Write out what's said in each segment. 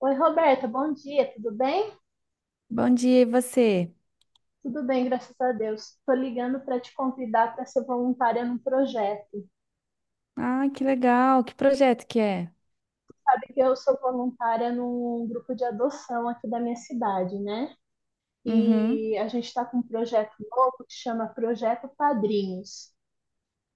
Oi, Roberta, bom dia, tudo bem? Bom dia, e você? Tudo bem, graças a Deus. Estou ligando para te convidar para ser voluntária num projeto. Ah, que legal. Que projeto que é? Sabe que eu sou voluntária num grupo de adoção aqui da minha cidade, né? E Uhum. a gente está com um projeto novo que chama Projeto Padrinhos.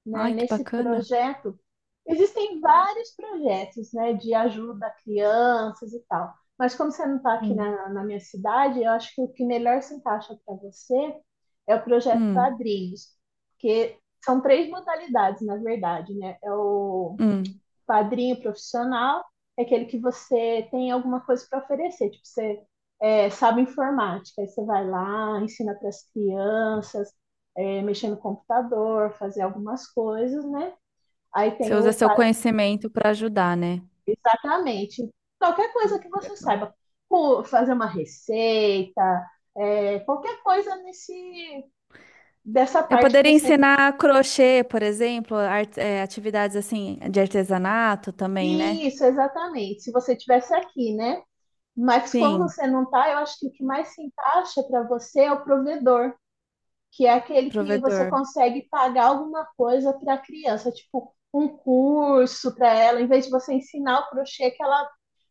Né, Ai, que nesse bacana. projeto, existem vários projetos, né, de ajuda a crianças e tal. Mas como você não está aqui Hum. na minha cidade, eu acho que o que melhor se encaixa para você é o projeto Hum. Padrinhos, porque são três modalidades, na verdade, né? É o Hum. padrinho profissional é aquele que você tem alguma coisa para oferecer, tipo, você sabe informática, aí você vai lá, ensina para as crianças, mexer no computador, fazer algumas coisas, né? Aí Você tem o. usa seu pa- conhecimento para ajudar, né? Exatamente. Qualquer coisa que você Legal. saiba. Pô, fazer uma receita, qualquer coisa nesse, dessa Eu parte que poderia você. ensinar crochê, por exemplo, atividades assim de artesanato também, né? Isso, exatamente. Se você tivesse aqui, né? Mas como Sim, você não está, eu acho que o que mais se encaixa para você é o provedor, que é aquele que você provedor. consegue pagar alguma coisa para a criança, tipo um curso para ela, em vez de você ensinar o crochê, que ela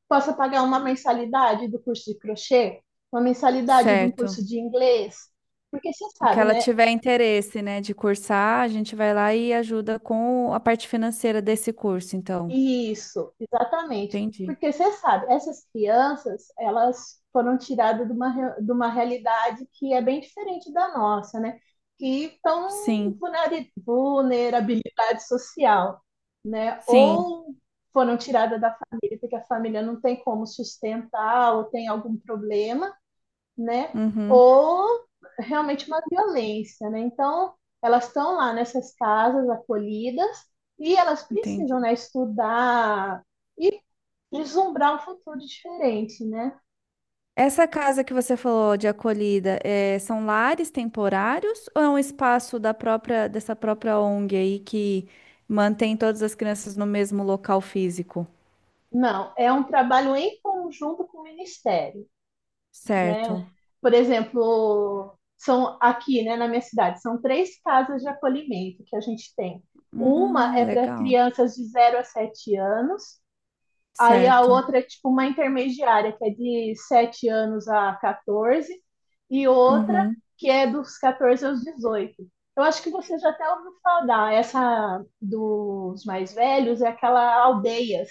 possa pagar uma mensalidade do curso de crochê, uma mensalidade de um curso Certo. de inglês. Porque você O que sabe, ela né? tiver interesse, né, de cursar, a gente vai lá e ajuda com a parte financeira desse curso, então. Isso, exatamente. Entendi. Porque você sabe, essas crianças, elas foram tiradas de uma realidade que é bem diferente da nossa, né? Que estão em Sim, vulnerabilidade social, né? sim. Ou foram tiradas da família, porque a família não tem como sustentar ou tem algum problema, né? Uhum. Ou realmente uma violência, né? Então, elas estão lá nessas casas acolhidas e elas Entendi. precisam, né, estudar e vislumbrar um futuro diferente, né? Essa casa que você falou de acolhida, são lares temporários ou é um espaço da própria dessa própria ONG aí que mantém todas as crianças no mesmo local físico? Não, é um trabalho em conjunto com o Ministério, né? Certo. Por exemplo, são aqui, né, na minha cidade, são três casas de acolhimento que a gente tem. Uma é para Legal. crianças de 0 a 7 anos. Aí a Certo. outra é tipo uma intermediária, que é de 7 anos a 14, e outra Uhum. que é dos 14 aos 18. Eu acho que você já até ouviu falar, essa dos mais velhos é aquela Aldeias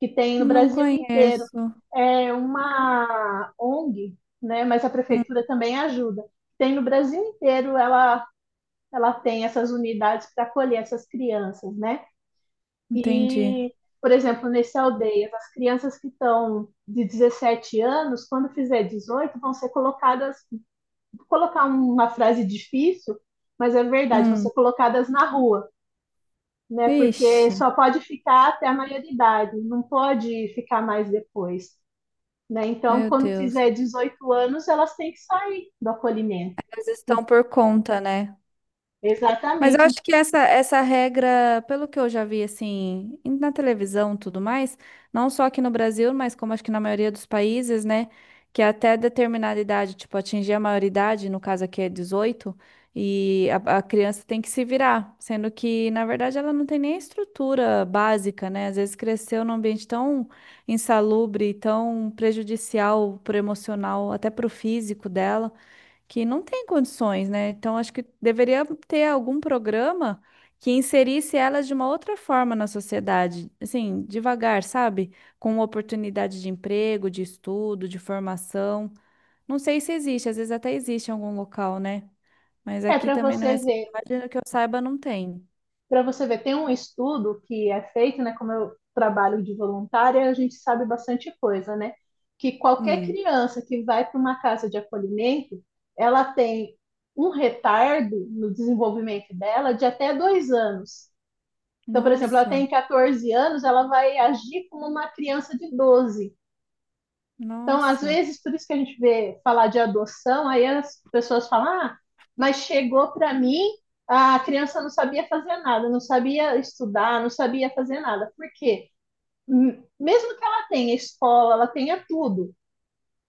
que tem no Não Brasil inteiro. conheço. É uma ONG, né? Mas a Hum, prefeitura também ajuda. Tem no Brasil inteiro, ela tem essas unidades para acolher essas crianças, né? entendi. E, por exemplo, nesse Aldeias, as crianças que estão de 17 anos, quando fizer 18, vão ser colocadas, vou colocar uma frase difícil, mas é verdade, vão Hum. ser colocadas na rua, né? Porque Ixi, só pode ficar até a maioridade, não pode ficar mais depois, né? Então, meu quando Deus. fizer 18 anos, elas têm que sair do acolhimento. Eles estão por conta, né? Mas eu Exatamente. acho que essa regra, pelo que eu já vi assim, na televisão e tudo mais, não só aqui no Brasil, mas como acho que na maioria dos países, né? Que até determinada idade, tipo, atingir a maioridade, no caso aqui é 18, e a criança tem que se virar, sendo que, na verdade, ela não tem nem estrutura básica, né? Às vezes cresceu num ambiente tão insalubre, tão prejudicial pro emocional, até pro físico dela que não tem condições, né? Então, acho que deveria ter algum programa que inserisse elas de uma outra forma na sociedade, assim, devagar, sabe? Com oportunidade de emprego, de estudo, de formação. Não sei se existe, às vezes até existe em algum local, né? Mas É aqui para também na minha você ver cidade, que eu saiba, não tem. Para você ver, tem um estudo que é feito, né? Como eu trabalho de voluntária, a gente sabe bastante coisa, né? Que qualquer Hum. criança que vai para uma casa de acolhimento, ela tem um retardo no desenvolvimento dela de até 2 anos. Então, por exemplo, ela Nossa, tem 14 anos, ela vai agir como uma criança de 12. Então, às nossa. vezes, por isso que a gente vê falar de adoção, aí as pessoas falam, ah, mas chegou para mim, a criança não sabia fazer nada, não sabia estudar, não sabia fazer nada. Por quê? Mesmo que ela tenha escola, ela tenha tudo,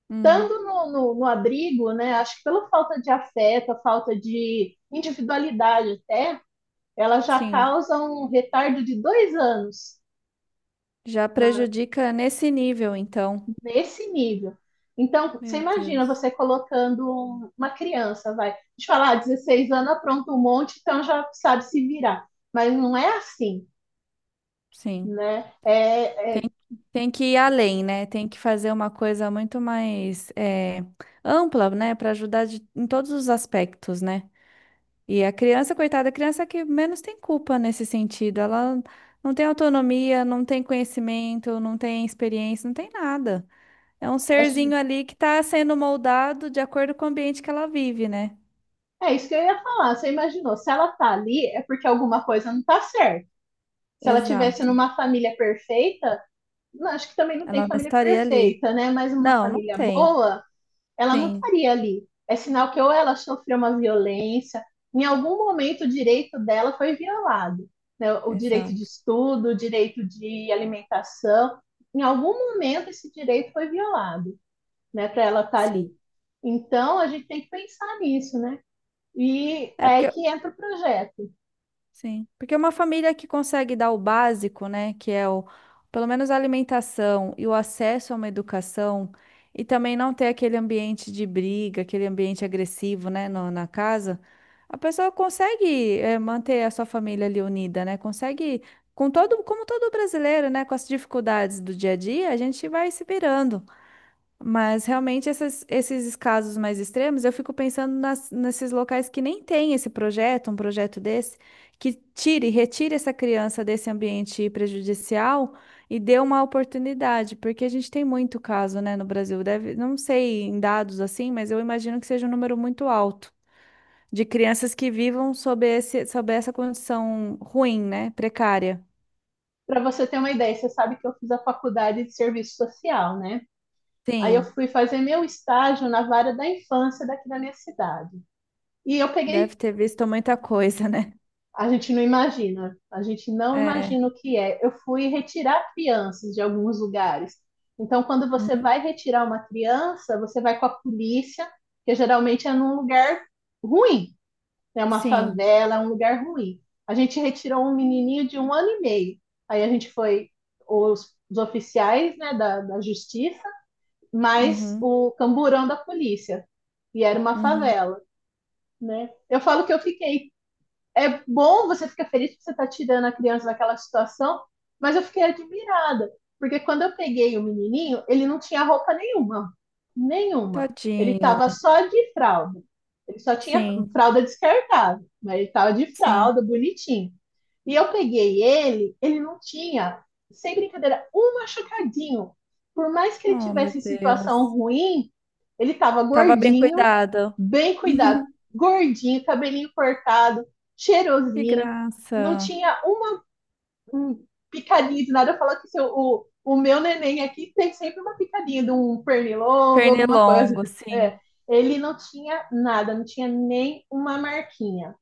Hum. estando no abrigo, né, acho que pela falta de afeto, a falta de individualidade até, ela já Sim, causa um retardo de 2 anos já prejudica nesse nível, então. nesse nível. Então, você Meu imagina Deus. você colocando uma criança, vai, de falar, 16 anos, apronta um monte, então já sabe se virar. Mas não é assim, Sim. né? Tem que ir além, né? Tem que fazer uma coisa muito mais ampla, né? Para ajudar em todos os aspectos, né? E a criança, coitada, a criança é que menos tem culpa nesse sentido. Ela não tem autonomia, não tem conhecimento, não tem experiência, não tem nada. É um é, serzinho ali que está sendo moldado de acordo com o ambiente que ela vive, né? é isso que eu ia falar. Você imaginou, se ela tá ali, é porque alguma coisa não tá certa. Se ela tivesse Exato. numa família perfeita, não, acho que também não tem Ela não família estaria ali. perfeita, né? Mas uma Não, não família tem. boa, ela não Sim, estaria ali. É sinal que ou ela sofreu uma violência, em algum momento o direito dela foi violado, né? O direito de exato. estudo, o direito de alimentação, em algum momento esse direito foi violado, né? Para ela estar Sim. ali. Então a gente tem que pensar nisso, né? E é É aí porque que entra o projeto. sim, porque uma família que consegue dar o básico, né, que é o, pelo menos a alimentação e o acesso a uma educação, e também não ter aquele ambiente de briga, aquele ambiente agressivo, né, na casa, a pessoa consegue, manter a sua família ali unida, né, consegue, com todo, como todo brasileiro, né, com as dificuldades do dia a dia, a gente vai se virando. Mas realmente esses casos mais extremos, eu fico pensando nesses locais que nem tem esse projeto, um projeto desse, que tire, retire essa criança desse ambiente prejudicial e dê uma oportunidade, porque a gente tem muito caso, né, no Brasil. Deve, não sei em dados assim, mas eu imagino que seja um número muito alto de crianças que vivam sob esse, sob essa condição ruim, né, precária. Para você ter uma ideia, você sabe que eu fiz a faculdade de serviço social, né? Aí eu Sim, fui fazer meu estágio na vara da infância daqui da minha cidade. E eu peguei deve ter visto muita coisa, né? A gente não imagina, a gente não É, imagina o que é. Eu fui retirar crianças de alguns lugares. Então, quando você hum, vai retirar uma criança, você vai com a polícia, que geralmente é num lugar ruim, é uma sim. favela, é um lugar ruim. A gente retirou um menininho de 1 ano e meio. Aí a gente foi os oficiais, né, da justiça, mais Uhum. o camburão da polícia. E era uma Uhum. favela, né? Eu falo que eu fiquei É bom, você fica feliz porque você está tirando a criança daquela situação, mas eu fiquei admirada, porque quando eu peguei o menininho, ele não tinha roupa nenhuma, nenhuma. Ele Tadinho. estava só de fralda. Ele só tinha Sim, fralda descartável, mas ele estava de sim. fralda, bonitinho. E eu peguei ele, ele não tinha, sem brincadeira, um machucadinho. Por mais que ele Oh, meu tivesse situação Deus. ruim, ele estava Tava bem gordinho, cuidado. bem cuidado, gordinho, cabelinho cortado, Que cheirosinho, não graça. tinha uma picadinha de nada. Eu falo que o meu neném aqui tem sempre uma picadinha de um pernilongo, alguma coisa. Pernilongo, É, sim. ele não tinha nada, não tinha nem uma marquinha.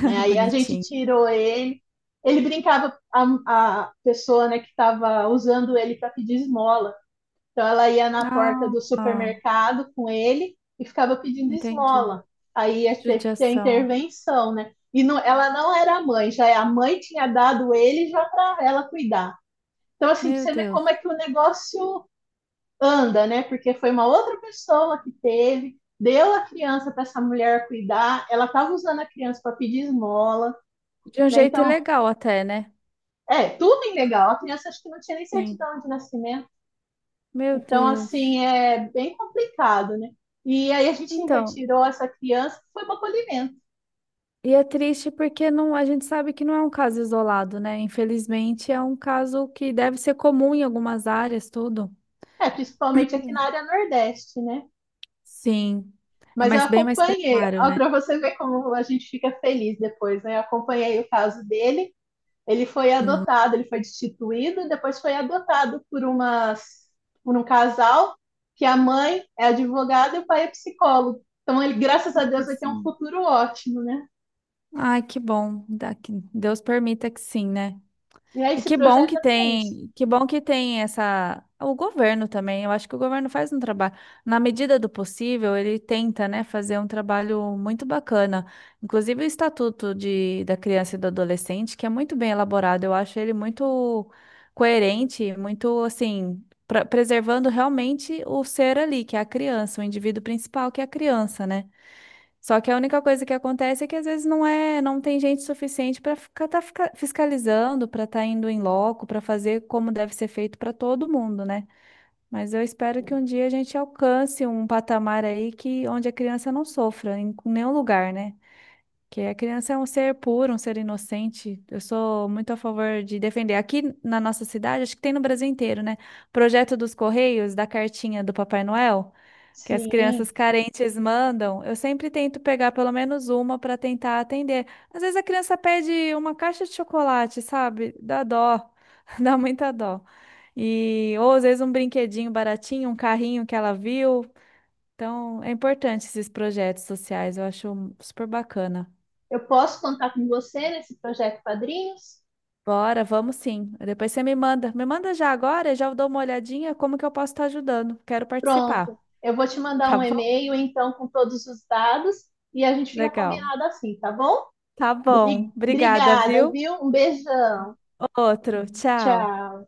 Né? Aí a gente Bonitinho. tirou ele, ele brincava, a pessoa né, que estava usando ele para pedir esmola. Então ela ia na porta Ah, do ah, supermercado com ele e ficava pedindo entendi. esmola. Aí ia ter que ter Judiação. intervenção, né? E não, ela não era a mãe, já é, a mãe tinha dado ele já para ela cuidar. Então, assim, pra Meu você ver como Deus. é que o negócio anda, né? Porque foi uma outra pessoa que teve, deu a criança para essa mulher cuidar, ela estava usando a criança para pedir esmola, De um né? jeito Então, legal até, né? Tudo ilegal. A criança acho que não tinha nem Sim. certidão de nascimento. Meu Então, Deus. assim, é bem complicado, né? E aí a gente Então, retirou essa criança, foi para acolhimento. e é triste porque não, a gente sabe que não é um caso isolado, né? Infelizmente, é um caso que deve ser comum em algumas áreas, tudo. É, principalmente aqui na área Nordeste, né? Sim. É Mas eu mais bem mais acompanhei, precário, né? para você ver como a gente fica feliz depois, né? Eu acompanhei o caso dele, ele foi Uhum. adotado, ele foi destituído, depois foi adotado por um casal que a mãe é advogada e o pai é psicólogo. Então ele, graças a Deus, Olha vai ter só. um futuro ótimo, né? Ai, que bom. Deus permita que sim, né? E aí E esse que bom projeto que é para isso. tem, que bom que tem essa, o governo também. Eu acho que o governo faz um trabalho, na medida do possível, ele tenta, né, fazer um trabalho muito bacana. Inclusive o Estatuto de, da Criança e do Adolescente, que é muito bem elaborado. Eu acho ele muito coerente, muito assim, preservando realmente o ser ali, que é a criança, o indivíduo principal, que é a criança, né? Só que a única coisa que acontece é que às vezes não é, não tem gente suficiente para ficar fiscalizando, para estar indo em loco, para fazer como deve ser feito para todo mundo, né? Mas eu espero que um dia a gente alcance um patamar aí que onde a criança não sofra em nenhum lugar, né? Que a criança é um ser puro, um ser inocente. Eu sou muito a favor de defender. Aqui na nossa cidade, acho que tem no Brasil inteiro, né? Projeto dos Correios, da cartinha do Papai Noel, que as Sim. crianças carentes mandam. Eu sempre tento pegar pelo menos uma para tentar atender. Às vezes a criança pede uma caixa de chocolate, sabe? Dá dó, dá muita dó. E, ou às vezes um brinquedinho baratinho, um carrinho que ela viu. Então, é importante esses projetos sociais, eu acho super bacana. Eu posso contar com você nesse projeto Padrinhos? Bora, vamos sim. Depois você me manda. Me manda já agora, já eu dou uma olhadinha como que eu posso estar ajudando. Quero Pronto, participar, eu vou te mandar tá um bom? e-mail, então, com todos os dados e a gente fica Legal. combinado assim, tá bom? Tá bom. Bri- Obrigada, Obrigada, viu? viu? Um beijão. Outro. Tchau. Tchau.